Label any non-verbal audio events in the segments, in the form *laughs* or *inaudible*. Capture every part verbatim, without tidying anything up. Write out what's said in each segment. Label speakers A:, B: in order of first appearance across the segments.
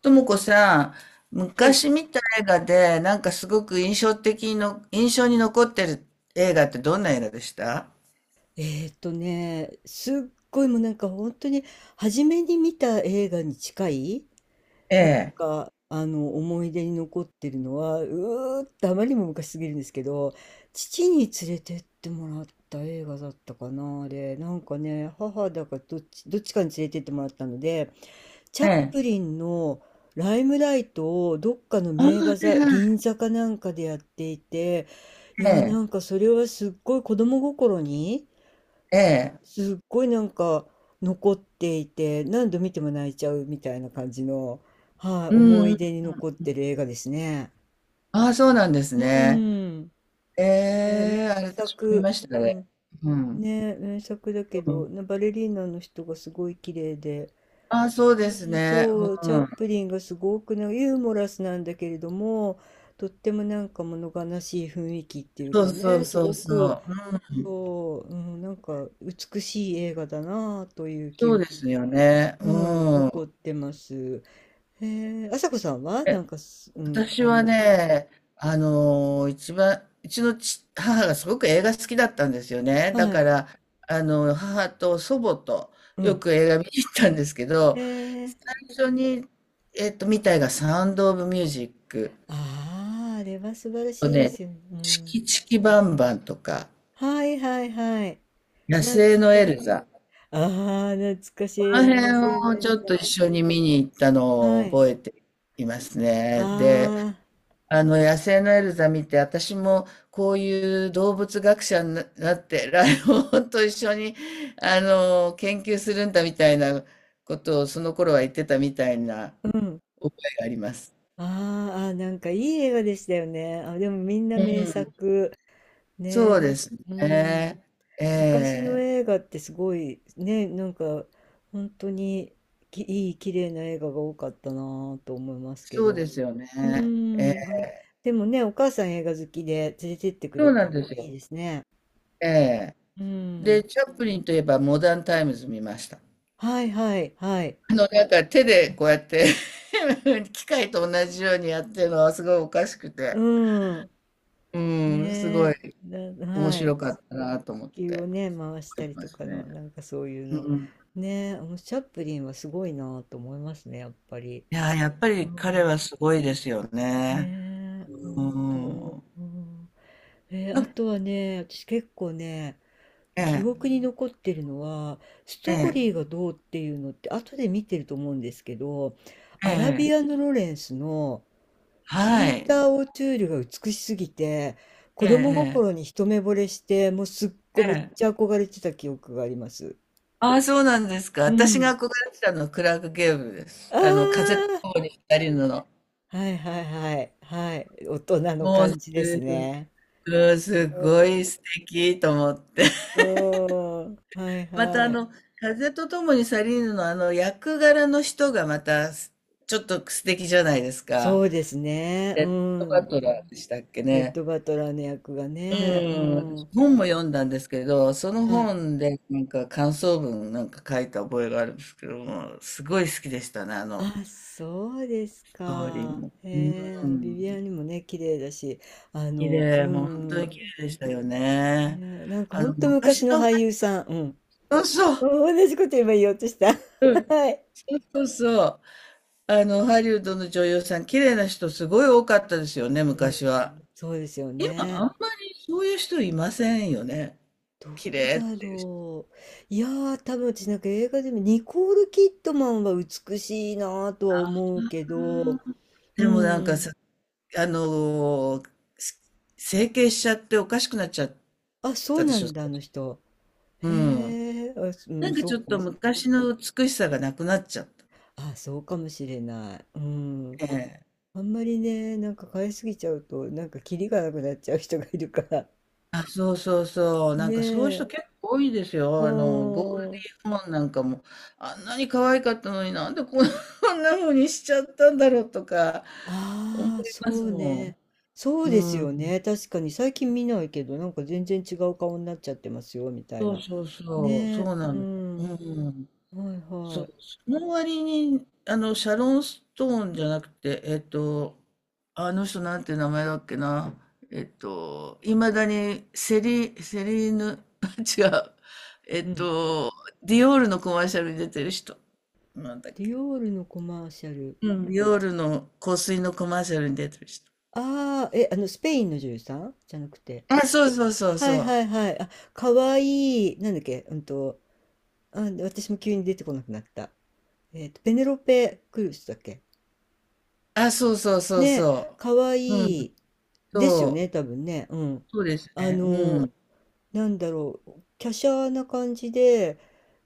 A: ともこさん、
B: はい。
A: 昔見た映画で、なんかすごく印象的にの、印象に残ってる映画ってどんな映画でした？
B: えーっとね、すっごいもうなんか本当に初めに見た映画に近い、
A: え
B: なん
A: え。
B: かあの思い出に残ってるのは、うーっとあまりにも昔すぎるんですけど、父に連れてってもらった映画だったかな、あれ。なんかね、母だかどっち、どっちかに連れてってもらったので、チャ
A: え
B: ップ
A: え。
B: リンのライムライトをどっかの
A: ああ、は
B: 名画
A: い
B: 座、
A: はい。
B: 銀座かなんかでやっていて、い
A: え
B: やーな
A: え。
B: んかそれはすっごい子供心に、
A: ええ。
B: すっごいなんか残っていて、何度見ても泣いちゃうみたいな感じの、は
A: う
B: い、
A: ん
B: 思
A: う
B: い出
A: ん。
B: に残ってる映画ですね。
A: ああ、そうなんです
B: う
A: ね。
B: ん。
A: え
B: ね、名
A: え、あれ私も見ま
B: 作、
A: した
B: う
A: ね。
B: ん。
A: うん。
B: ね、名作だけ
A: う
B: ど、
A: ん。
B: なバレリーナの人がすごい綺麗で、
A: ああ、そうです
B: うん、
A: ね。
B: そう、チ
A: う
B: ャッ
A: ん。
B: プリンがすごくなユーモラスなんだけれども、とってもなんか物悲しい雰囲気っていう
A: そう
B: か
A: そう
B: ね、す
A: そう
B: ご
A: そ
B: く、
A: う。うん。
B: そう、うん、なんか美しい映画だなあという記
A: そうで
B: 憶、
A: すよね。
B: うん、
A: うん。
B: 残ってます。へえ、あさこさんはなんかす、うん、
A: 私
B: あり
A: は
B: ます。
A: ね、あのー一番、うちのち母がすごく映画好きだったんですよね。だ
B: は
A: か
B: い。
A: ら、あの、母と祖母と
B: う
A: よ
B: ん。
A: く映画見に行ったんですけ
B: へ
A: ど、
B: え。
A: 最初に、えっと、見た映画、サウンド・オブ・ミュージック
B: ああ、あれは素晴らし
A: と
B: いで
A: ね、
B: すよね。う
A: チ
B: ん。
A: キチキバンバンとか、
B: はいはいはい。
A: 野
B: 懐
A: 生の
B: か
A: エ
B: しい。
A: ルザ、
B: ああ、懐かしい。
A: この
B: s
A: 辺をち
B: n
A: ょっと一緒に見に行った
B: さん。
A: のを
B: はい。
A: 覚えていますね。で、
B: あ
A: あの、野生のエルザ見て、私もこういう動物学者になって、ライオンと一緒に、あの、研究するんだみたいなことを、その頃は言ってたみたいな
B: あ、うん。
A: 覚えがあります。
B: あーあー、なんかいい映画でしたよね。あ、でもみんな
A: う
B: 名
A: ん、
B: 作。ねえ、
A: そう
B: な
A: で
B: ん
A: す
B: う
A: ね。
B: ん。
A: え
B: 昔の
A: え、
B: 映画ってすごいね、なんか本当にきいい綺麗な映画が多かったなぁと思いますけ
A: そう
B: ど。
A: ですよ
B: う
A: ね。ええ、
B: ーん、あ、でもね、お母さん映画好きで連れてってく
A: そ
B: れ
A: うな
B: た
A: んで
B: のは
A: す
B: いい
A: よ。
B: ですね。
A: ええ。
B: う
A: で、
B: ん。
A: チャップリンといえばモダンタイムズ見ました。
B: はいはいはい。
A: あの、なんか手でこうやって *laughs* 機械と同じようにやってるのはすごいおかしくて。
B: うん。
A: うん、すごい
B: ねえ。だ、
A: 面
B: はい。
A: 白か
B: 地
A: ったなと思っ
B: 球を
A: て。
B: ね、回し
A: あ
B: たり
A: ま
B: と
A: す
B: かの、
A: ね。
B: なんかそういう
A: う
B: の。
A: ん。
B: ねえ、あのチャップリンはすごいなぁと思いますね、やっぱり。
A: いやー、やっぱ
B: う
A: り彼は
B: ん。
A: すごいですよね。
B: ねえ、
A: う
B: 本当。
A: ん。
B: うん。えー
A: なん
B: あ
A: か、
B: とはね、私結構ね、
A: え
B: 記
A: え、
B: 憶に残ってるのは、ス
A: え
B: トーリー
A: え、
B: がどうっていうのって、後で見てると思うんですけど、
A: え
B: アラビ
A: え、
B: アのロレンスの
A: は
B: ピー
A: い。
B: ター・オチュールが美しすぎて、
A: え
B: 子供
A: え、
B: 心
A: え
B: に一目惚れして、もうすっごいめ
A: え、
B: っ
A: ええ。
B: ちゃ憧れてた記憶があります。
A: ああ、そうなんですか。
B: う
A: 私
B: ん。
A: が憧れてたのはクラーク・ゲーブルです。
B: あ
A: あの、風と
B: あ、
A: 共に二人の。
B: はいはいはい、はい、大人の
A: もうす、
B: 感じですね。
A: うん、すごい素敵と思って。
B: うん、はい
A: またあ
B: はい。
A: の、風とともに去りぬのあの役柄の人がまたすちょっと素敵じゃないです
B: そ
A: か。
B: うですね。う
A: レッドバ
B: ん。
A: トラーでしたっけ
B: レッ
A: ね。
B: ド・バトラーの役が
A: う
B: ね。う
A: ん、私
B: ん。
A: 本も読んだんですけど、その
B: はい。
A: 本でなんか感想文なんか書いた覚えがあるんですけども、すごい好きでしたね、あの
B: あ、そうです
A: ストーリー
B: か。
A: も。
B: へえ、あ
A: う
B: のビビア
A: ん、
B: ンにもね、綺麗だし、あ
A: 綺
B: の、う
A: 麗、もう本当に綺
B: ん。
A: 麗でしたよね。
B: ね、なんか
A: あ
B: 本
A: の
B: 当昔
A: 昔
B: の
A: の、
B: 俳優さん。うん。
A: そうそ
B: *laughs*
A: う、
B: 同じこと今言おうとした。*laughs*
A: うん、
B: はい。
A: そうそうそう。あの、ハリウッドの女優さん、綺麗な人すごい多かったですよね、
B: うん。
A: 昔は。
B: そうですよ
A: 今、あ
B: ね。
A: んまりそういう人いませんよね。
B: ど
A: 綺
B: う
A: 麗っ
B: だ
A: ていう人。
B: ろう。いやー、多分私なんか映画でもニコール・キッドマンは美しいなとは思うけ
A: うん。
B: ど、う
A: でもなんか
B: ん。
A: さ、あのーす整形しちゃっておかしくなっちゃっ
B: あ、そう
A: たで
B: な
A: しょ。
B: んだ、あの人。
A: う
B: へ
A: ん。
B: え、あ、すう
A: な
B: ん、
A: んか
B: そ
A: ちょ
B: う
A: っ
B: か
A: と
B: もしれな
A: 昔の美しさがなくなっちゃった。
B: い、あ、そうかもしれない。うん。
A: ええ。
B: あんまりね、なんか買いすぎちゃうと、なんかキリがなくなっちゃう人がいるから。
A: あ、そうそうそ
B: *laughs*
A: う。な
B: ね
A: んかそういう人
B: え。
A: 結構多いです
B: う
A: よ。あの、ゴールデ
B: ーん。
A: ィーマンなんかも、あんなに可愛かったのになんでこん *laughs* こんな風にしちゃったんだろうとか思い
B: ああ、そ
A: ます
B: う
A: も
B: ね。そ
A: ん。
B: うです
A: う
B: よ
A: ん。
B: ね。確かに最近見ないけど、なんか全然違う顔になっちゃってますよ、みたい
A: そう
B: な。
A: そうそう。
B: ね
A: そ
B: え。
A: うな
B: う
A: の。
B: ん。
A: う
B: は
A: ん。
B: い
A: そ
B: は
A: う、
B: い。
A: その割に、あの、シャロン・ストーンじゃなくて、えっと、あの人なんて名前だっけな、えっと、いまだにセリ、セリーヌ、*laughs* 違う、え
B: う
A: っ
B: ん。
A: と、ディオールのコマーシャルに出てる人。なんだっ
B: ディ
A: け。
B: オールのコマーシャル。
A: うん、ディオールの香水のコマーシャルに出てる人。
B: ああ、え、あの、スペインの女優さんじゃなくて。
A: あ、そうそうそう
B: はい
A: そう。
B: はいはい。あ、かわいい。なんだっけ、うんと、あ、私も急に出てこなくなった。えっと、ペネロペ・クルスだっけ
A: あ、そうそうそう
B: ね、
A: そ
B: かわい
A: う。うん、
B: いですよ
A: そう、
B: ね、多分ね。うん。
A: そうです
B: あ
A: ね。う
B: の、
A: ん、
B: なんだろう、華奢な感じで、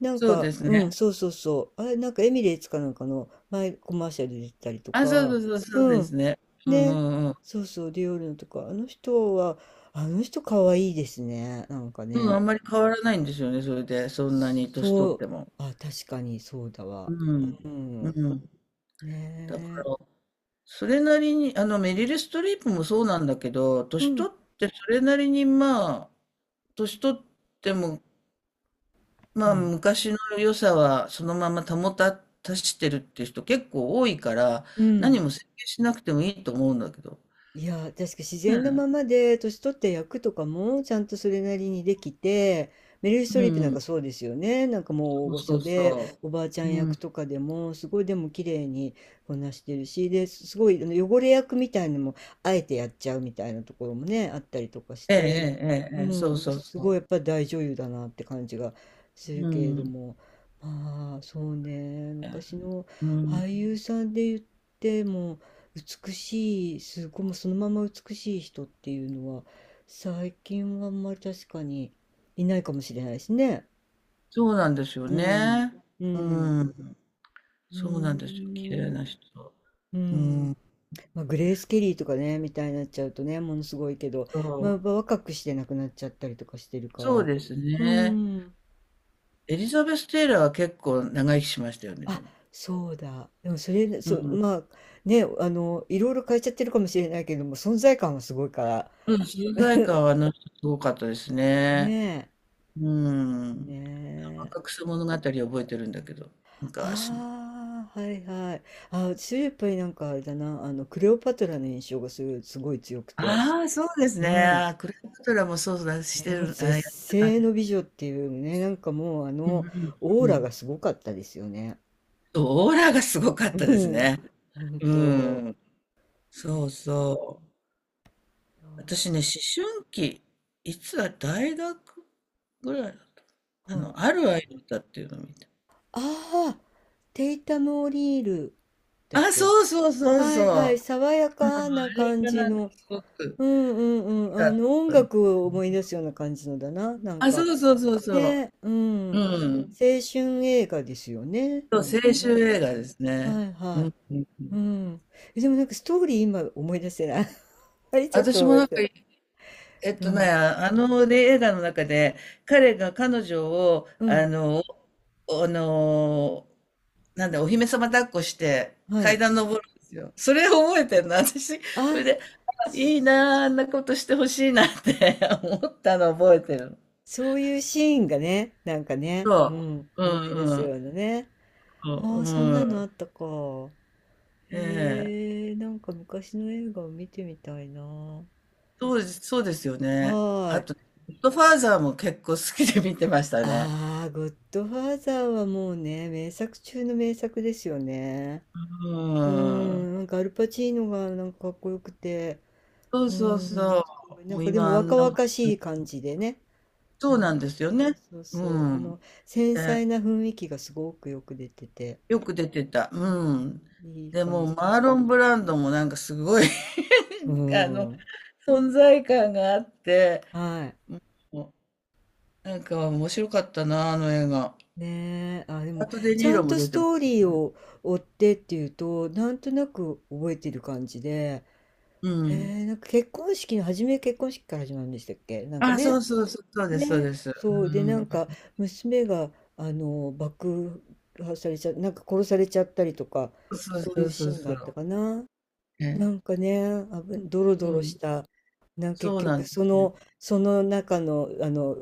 B: なん
A: そうで
B: か、
A: す
B: うん、
A: ね。
B: そうそうそう。あれ、なんかエミレーツかなんかの前コマーシャルで出てたりと
A: あ、そうそ
B: か、
A: うそう、そう
B: う
A: で
B: ん。
A: すね。うんう
B: ね、
A: んうん。
B: そうそう、ディオールのとか、あの人は、あの人かわいいですね。なんか
A: うん、
B: ね。
A: あんまり変わらないんですよね、それで、そんなに年取
B: そ
A: っ
B: う、
A: ても。
B: あ、確かにそうだわ。
A: うん。
B: う
A: う
B: ん。
A: ん。だか
B: ねえ。
A: ら、それなりに、あの、メリル・ストリープもそうなんだけど、
B: う
A: 年
B: ん。
A: 取ってそれなりに、まあ、年取っても、
B: う
A: まあ、
B: ん。
A: 昔の良さはそのまま保た、たしてるっていう人結構多いから、
B: う
A: 何
B: ん。
A: も整形しなくてもいいと思うんだけど。
B: いやー、確か自
A: ね
B: 然なまま
A: え。
B: で、年取って役とかもちゃんとそれなりにできて、メリル・スト
A: う
B: リープなん
A: ん。
B: かそうですよね。なんかもう大
A: そう
B: 御
A: そ
B: 所
A: う
B: で、
A: そ
B: おばあちゃ
A: う。
B: ん
A: う
B: 役
A: ん。
B: とかでも、すごいでも綺麗にこなしてるし、で、すごいあの汚れ役みたいのも、あえてやっちゃうみたいなところもね、あったりとかし
A: ええ、え
B: て、
A: え、え
B: う
A: え、ええ、そう
B: ん、
A: そう
B: すごい
A: そ
B: やっぱり大女優だなって感じがす
A: う。う
B: るけれど
A: ん。
B: も、まあ、そうね、
A: ええ。
B: 昔の
A: う
B: 俳
A: ん。
B: 優さんで言っても、美しい、すごい、もうそのまま美しい人っていうのは、最近はあんまり確かにいないかもしれないですね。
A: そうなんですよ
B: うん。
A: ね。
B: うん。
A: うん。
B: うー
A: そうなんですよ、綺麗
B: ん。
A: な人。
B: う
A: う
B: ん。
A: ん、
B: まあ、グレース・ケリーとかね、みたいになっちゃうとね、ものすごいけど、
A: そ
B: まあ、やっ
A: う、
B: ぱ若くして亡くなっちゃったりとかしてるか
A: そう
B: ら。
A: です
B: う
A: ね。
B: ん。
A: エリザベス・テイラーは結構長生きしましたよね、で
B: あ、
A: も。
B: そうだ。でもそれ、
A: う
B: そ、
A: ん。
B: まあ、ね、あの、いろいろ変えちゃってるかもしれないけども、存在感はすごいから。
A: うん、存在感はあの人すごかったですね。
B: ね
A: う
B: え。ね
A: ん。若
B: え。
A: 草物語覚えてるんだけど、昔の。
B: ああ、はいはい。あ、私やっぱりなんかあれだな、あの、クレオパトラの印象がすごい、すごい強くて。
A: ああ、そうです
B: うん。
A: ね。クレオパトラもそうだし
B: ね、
A: て
B: もう
A: る、あ、
B: 絶
A: やってた
B: 世の
A: ね。
B: 美女っていうね、なんかもうあ
A: うんう
B: の、
A: ん
B: オ
A: う
B: ー
A: んう
B: ラ
A: ん。
B: がすごかったですよね。
A: そう、オーラがすごかっ
B: う
A: たです
B: ん。
A: ね。
B: 本
A: う
B: 当。
A: ん。そ
B: ね、
A: うそう。私
B: あ、
A: ね、思春期、いつだ、大学ぐらいだった。あ
B: は
A: の、
B: い。
A: ある愛だったっていうのを見た。
B: ああ、テイタム・オリールだっ
A: あ、
B: け。
A: そうそうそう
B: は
A: そ
B: いは
A: う。
B: い、爽や
A: うん、あ
B: かな
A: れ
B: 感
A: が
B: じ
A: なんか
B: の。
A: すごく
B: うんうんうん。
A: だ
B: あの、
A: っ
B: 音
A: たんで
B: 楽を思い
A: す。
B: 出すような感じのだな、なん
A: あ、そ
B: か。
A: うそうそうそう。
B: ね、うん。
A: うん。
B: 青春映画ですよね、
A: そ
B: な
A: う、
B: んか
A: 青
B: ね。
A: 春映画です
B: は
A: ね。
B: い
A: う
B: は
A: ん。うんう
B: い。う
A: ん。
B: ん。え、でもなんかストーリー今思い出せない。*laughs* あれちょっと
A: 私も
B: 思い
A: な
B: 出
A: んか
B: せない。
A: えっ
B: う
A: とね、
B: ん。
A: あの、ね、映画の中で、彼が彼女を、
B: う
A: あ
B: ん。
A: の、おあの、なんだ、お姫様抱っこして、
B: は
A: 階
B: い。
A: 段登るんですよ。それを覚えてるの、私。それ
B: あ、
A: で、あいい
B: そ
A: なあ、あんなことしてほしいなって *laughs* 思ったの覚えてるの。
B: そういうシーンがね、なんかね、う
A: そ
B: ん、
A: う。うん
B: 思い出
A: う
B: すよ
A: ん。
B: うなね。
A: そ
B: あ
A: う
B: あ、そん
A: う
B: な
A: ん。
B: のあったか。
A: ええ、
B: へえ、なんか昔の映画を見てみたいな。は
A: そうです、そうですよね。
B: ー
A: あと
B: い。
A: ね、ゴッドファーザーも結構好きで見てましたね。
B: ああ、ゴッドファーザーはもうね、名作中の名作ですよね。
A: う
B: う
A: ん。
B: ん、なんかアルパチーノがなんかかっこよくて、
A: そう
B: う
A: そう
B: ん、
A: そ
B: すごい。
A: う。
B: な
A: も
B: ん
A: う
B: かでも
A: 今あん
B: 若
A: な、
B: 々しい感じでね。う
A: そうな
B: ん。
A: んですよね。
B: そうそ
A: う
B: う。あ
A: ん。
B: の、繊
A: で、
B: 細な雰囲気がすごくよく出てて、
A: よく出てた。うん。
B: うんいい
A: で
B: 感
A: もう
B: じ。
A: マーロン・ブランドもなんかすごい
B: う
A: *laughs* あの、
B: ん。
A: 存在感があって、
B: はい。
A: もうなんか面白かったな、あの映画。
B: ねえ。あ、でも、
A: あとデ・
B: ち
A: ニー
B: ゃ
A: ロ
B: ん
A: も
B: と
A: 出
B: ス
A: てまし
B: トーリ
A: た
B: ー
A: から。
B: を追ってっていうと、なんとなく覚えてる感じで、
A: う
B: え
A: ん。
B: ー、なんか結婚式の初め結婚式から始まるんでしたっけなんか
A: あ、そ
B: ね。
A: うそうそう、そうです、そう
B: ね、
A: です。う
B: そう、で、なん
A: ん。
B: か、娘が、あの、爆破されちゃ、なんか殺されちゃったりとか、
A: そう
B: そうい
A: そ
B: う
A: うそ
B: シ
A: う
B: ーンがあった
A: そ
B: かな。
A: う。
B: な
A: ね。
B: んかね、あぶ、ドロド
A: う
B: ロし
A: ん。
B: た、なんか結
A: そうな
B: 局、
A: んで
B: そ
A: すね。
B: の、その中の、あの、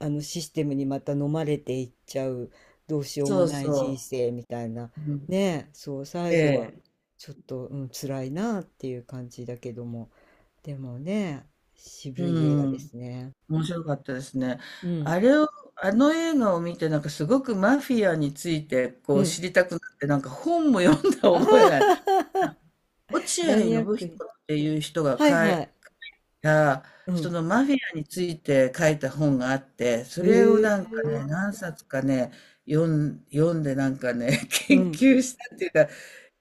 B: あのシステムにまた飲まれていっちゃう、どうしようも
A: そう
B: ない人
A: そ
B: 生みたいな、
A: う。うん。
B: ね、そう、
A: え
B: 最後は、
A: え。
B: ちょっと、うん、辛いなっていう感じだけども、でもね、渋い映画
A: う
B: で
A: ん。
B: すね。
A: 面白かったですね。
B: う
A: あ
B: ん、
A: れを、あの映画を見て、なんかすごくマフィアについてこ
B: う
A: う知
B: ん。
A: りたくなって、なんか本も読んだ
B: *laughs* あ
A: 覚えがある。
B: あ、
A: 落合信
B: マニアックに。
A: 彦っていう人が
B: はい
A: 書い
B: はい。
A: た、
B: う
A: そ
B: ん。
A: のマフィアについて書いた本があって、それを
B: へ
A: なんかね、
B: え。
A: 何冊かね、読ん、読んでなんかね、*laughs*
B: う
A: 研
B: ん。
A: 究したっていうか、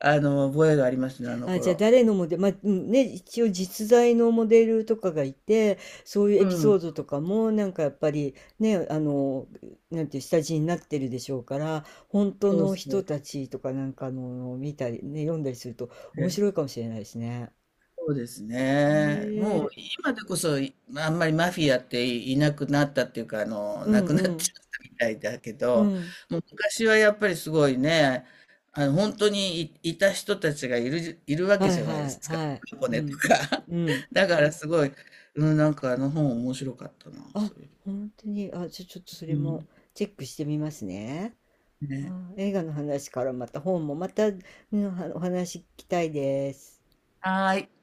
A: あの、覚えがありますね、あの
B: あ、じゃあ
A: 頃。
B: 誰のモデル、まあ、うんね、一応実在のモデルとかがいて、そういう
A: う
B: エピソー
A: ん。
B: ドとかも、なんかやっぱりね、あの、なんていう下地になってるでしょうから、本当
A: そう
B: の
A: そ
B: 人
A: う。
B: たちとかなんかの見たり、ね、読んだりすると面白いかもしれないですね。
A: そうですね。
B: へ
A: もう
B: え。
A: 今でこそ、いまあんまりマフィアっていなくなったっていうか、あの、
B: う
A: な
B: ん
A: くな
B: う
A: っち
B: ん。
A: ゃったみたいだけ
B: う
A: ど、
B: ん。
A: もう昔はやっぱりすごいね、あの、本当にい、いた人たちがいる、いるわけ
B: はい
A: じゃない
B: は
A: で
B: い
A: すか。
B: はい。
A: *laughs* 箱
B: う
A: 根と
B: ん。
A: か。
B: うん。
A: *laughs* だからすごい、うん、なんかあの本面白かったな、
B: あ、
A: それ。
B: 本当に。あ、じゃ、ちょっとそ
A: う
B: れも
A: ん。
B: チェックしてみますね。
A: ね。
B: あー映画の話からまた本もまた、うん、お話聞きたいです。
A: はーい。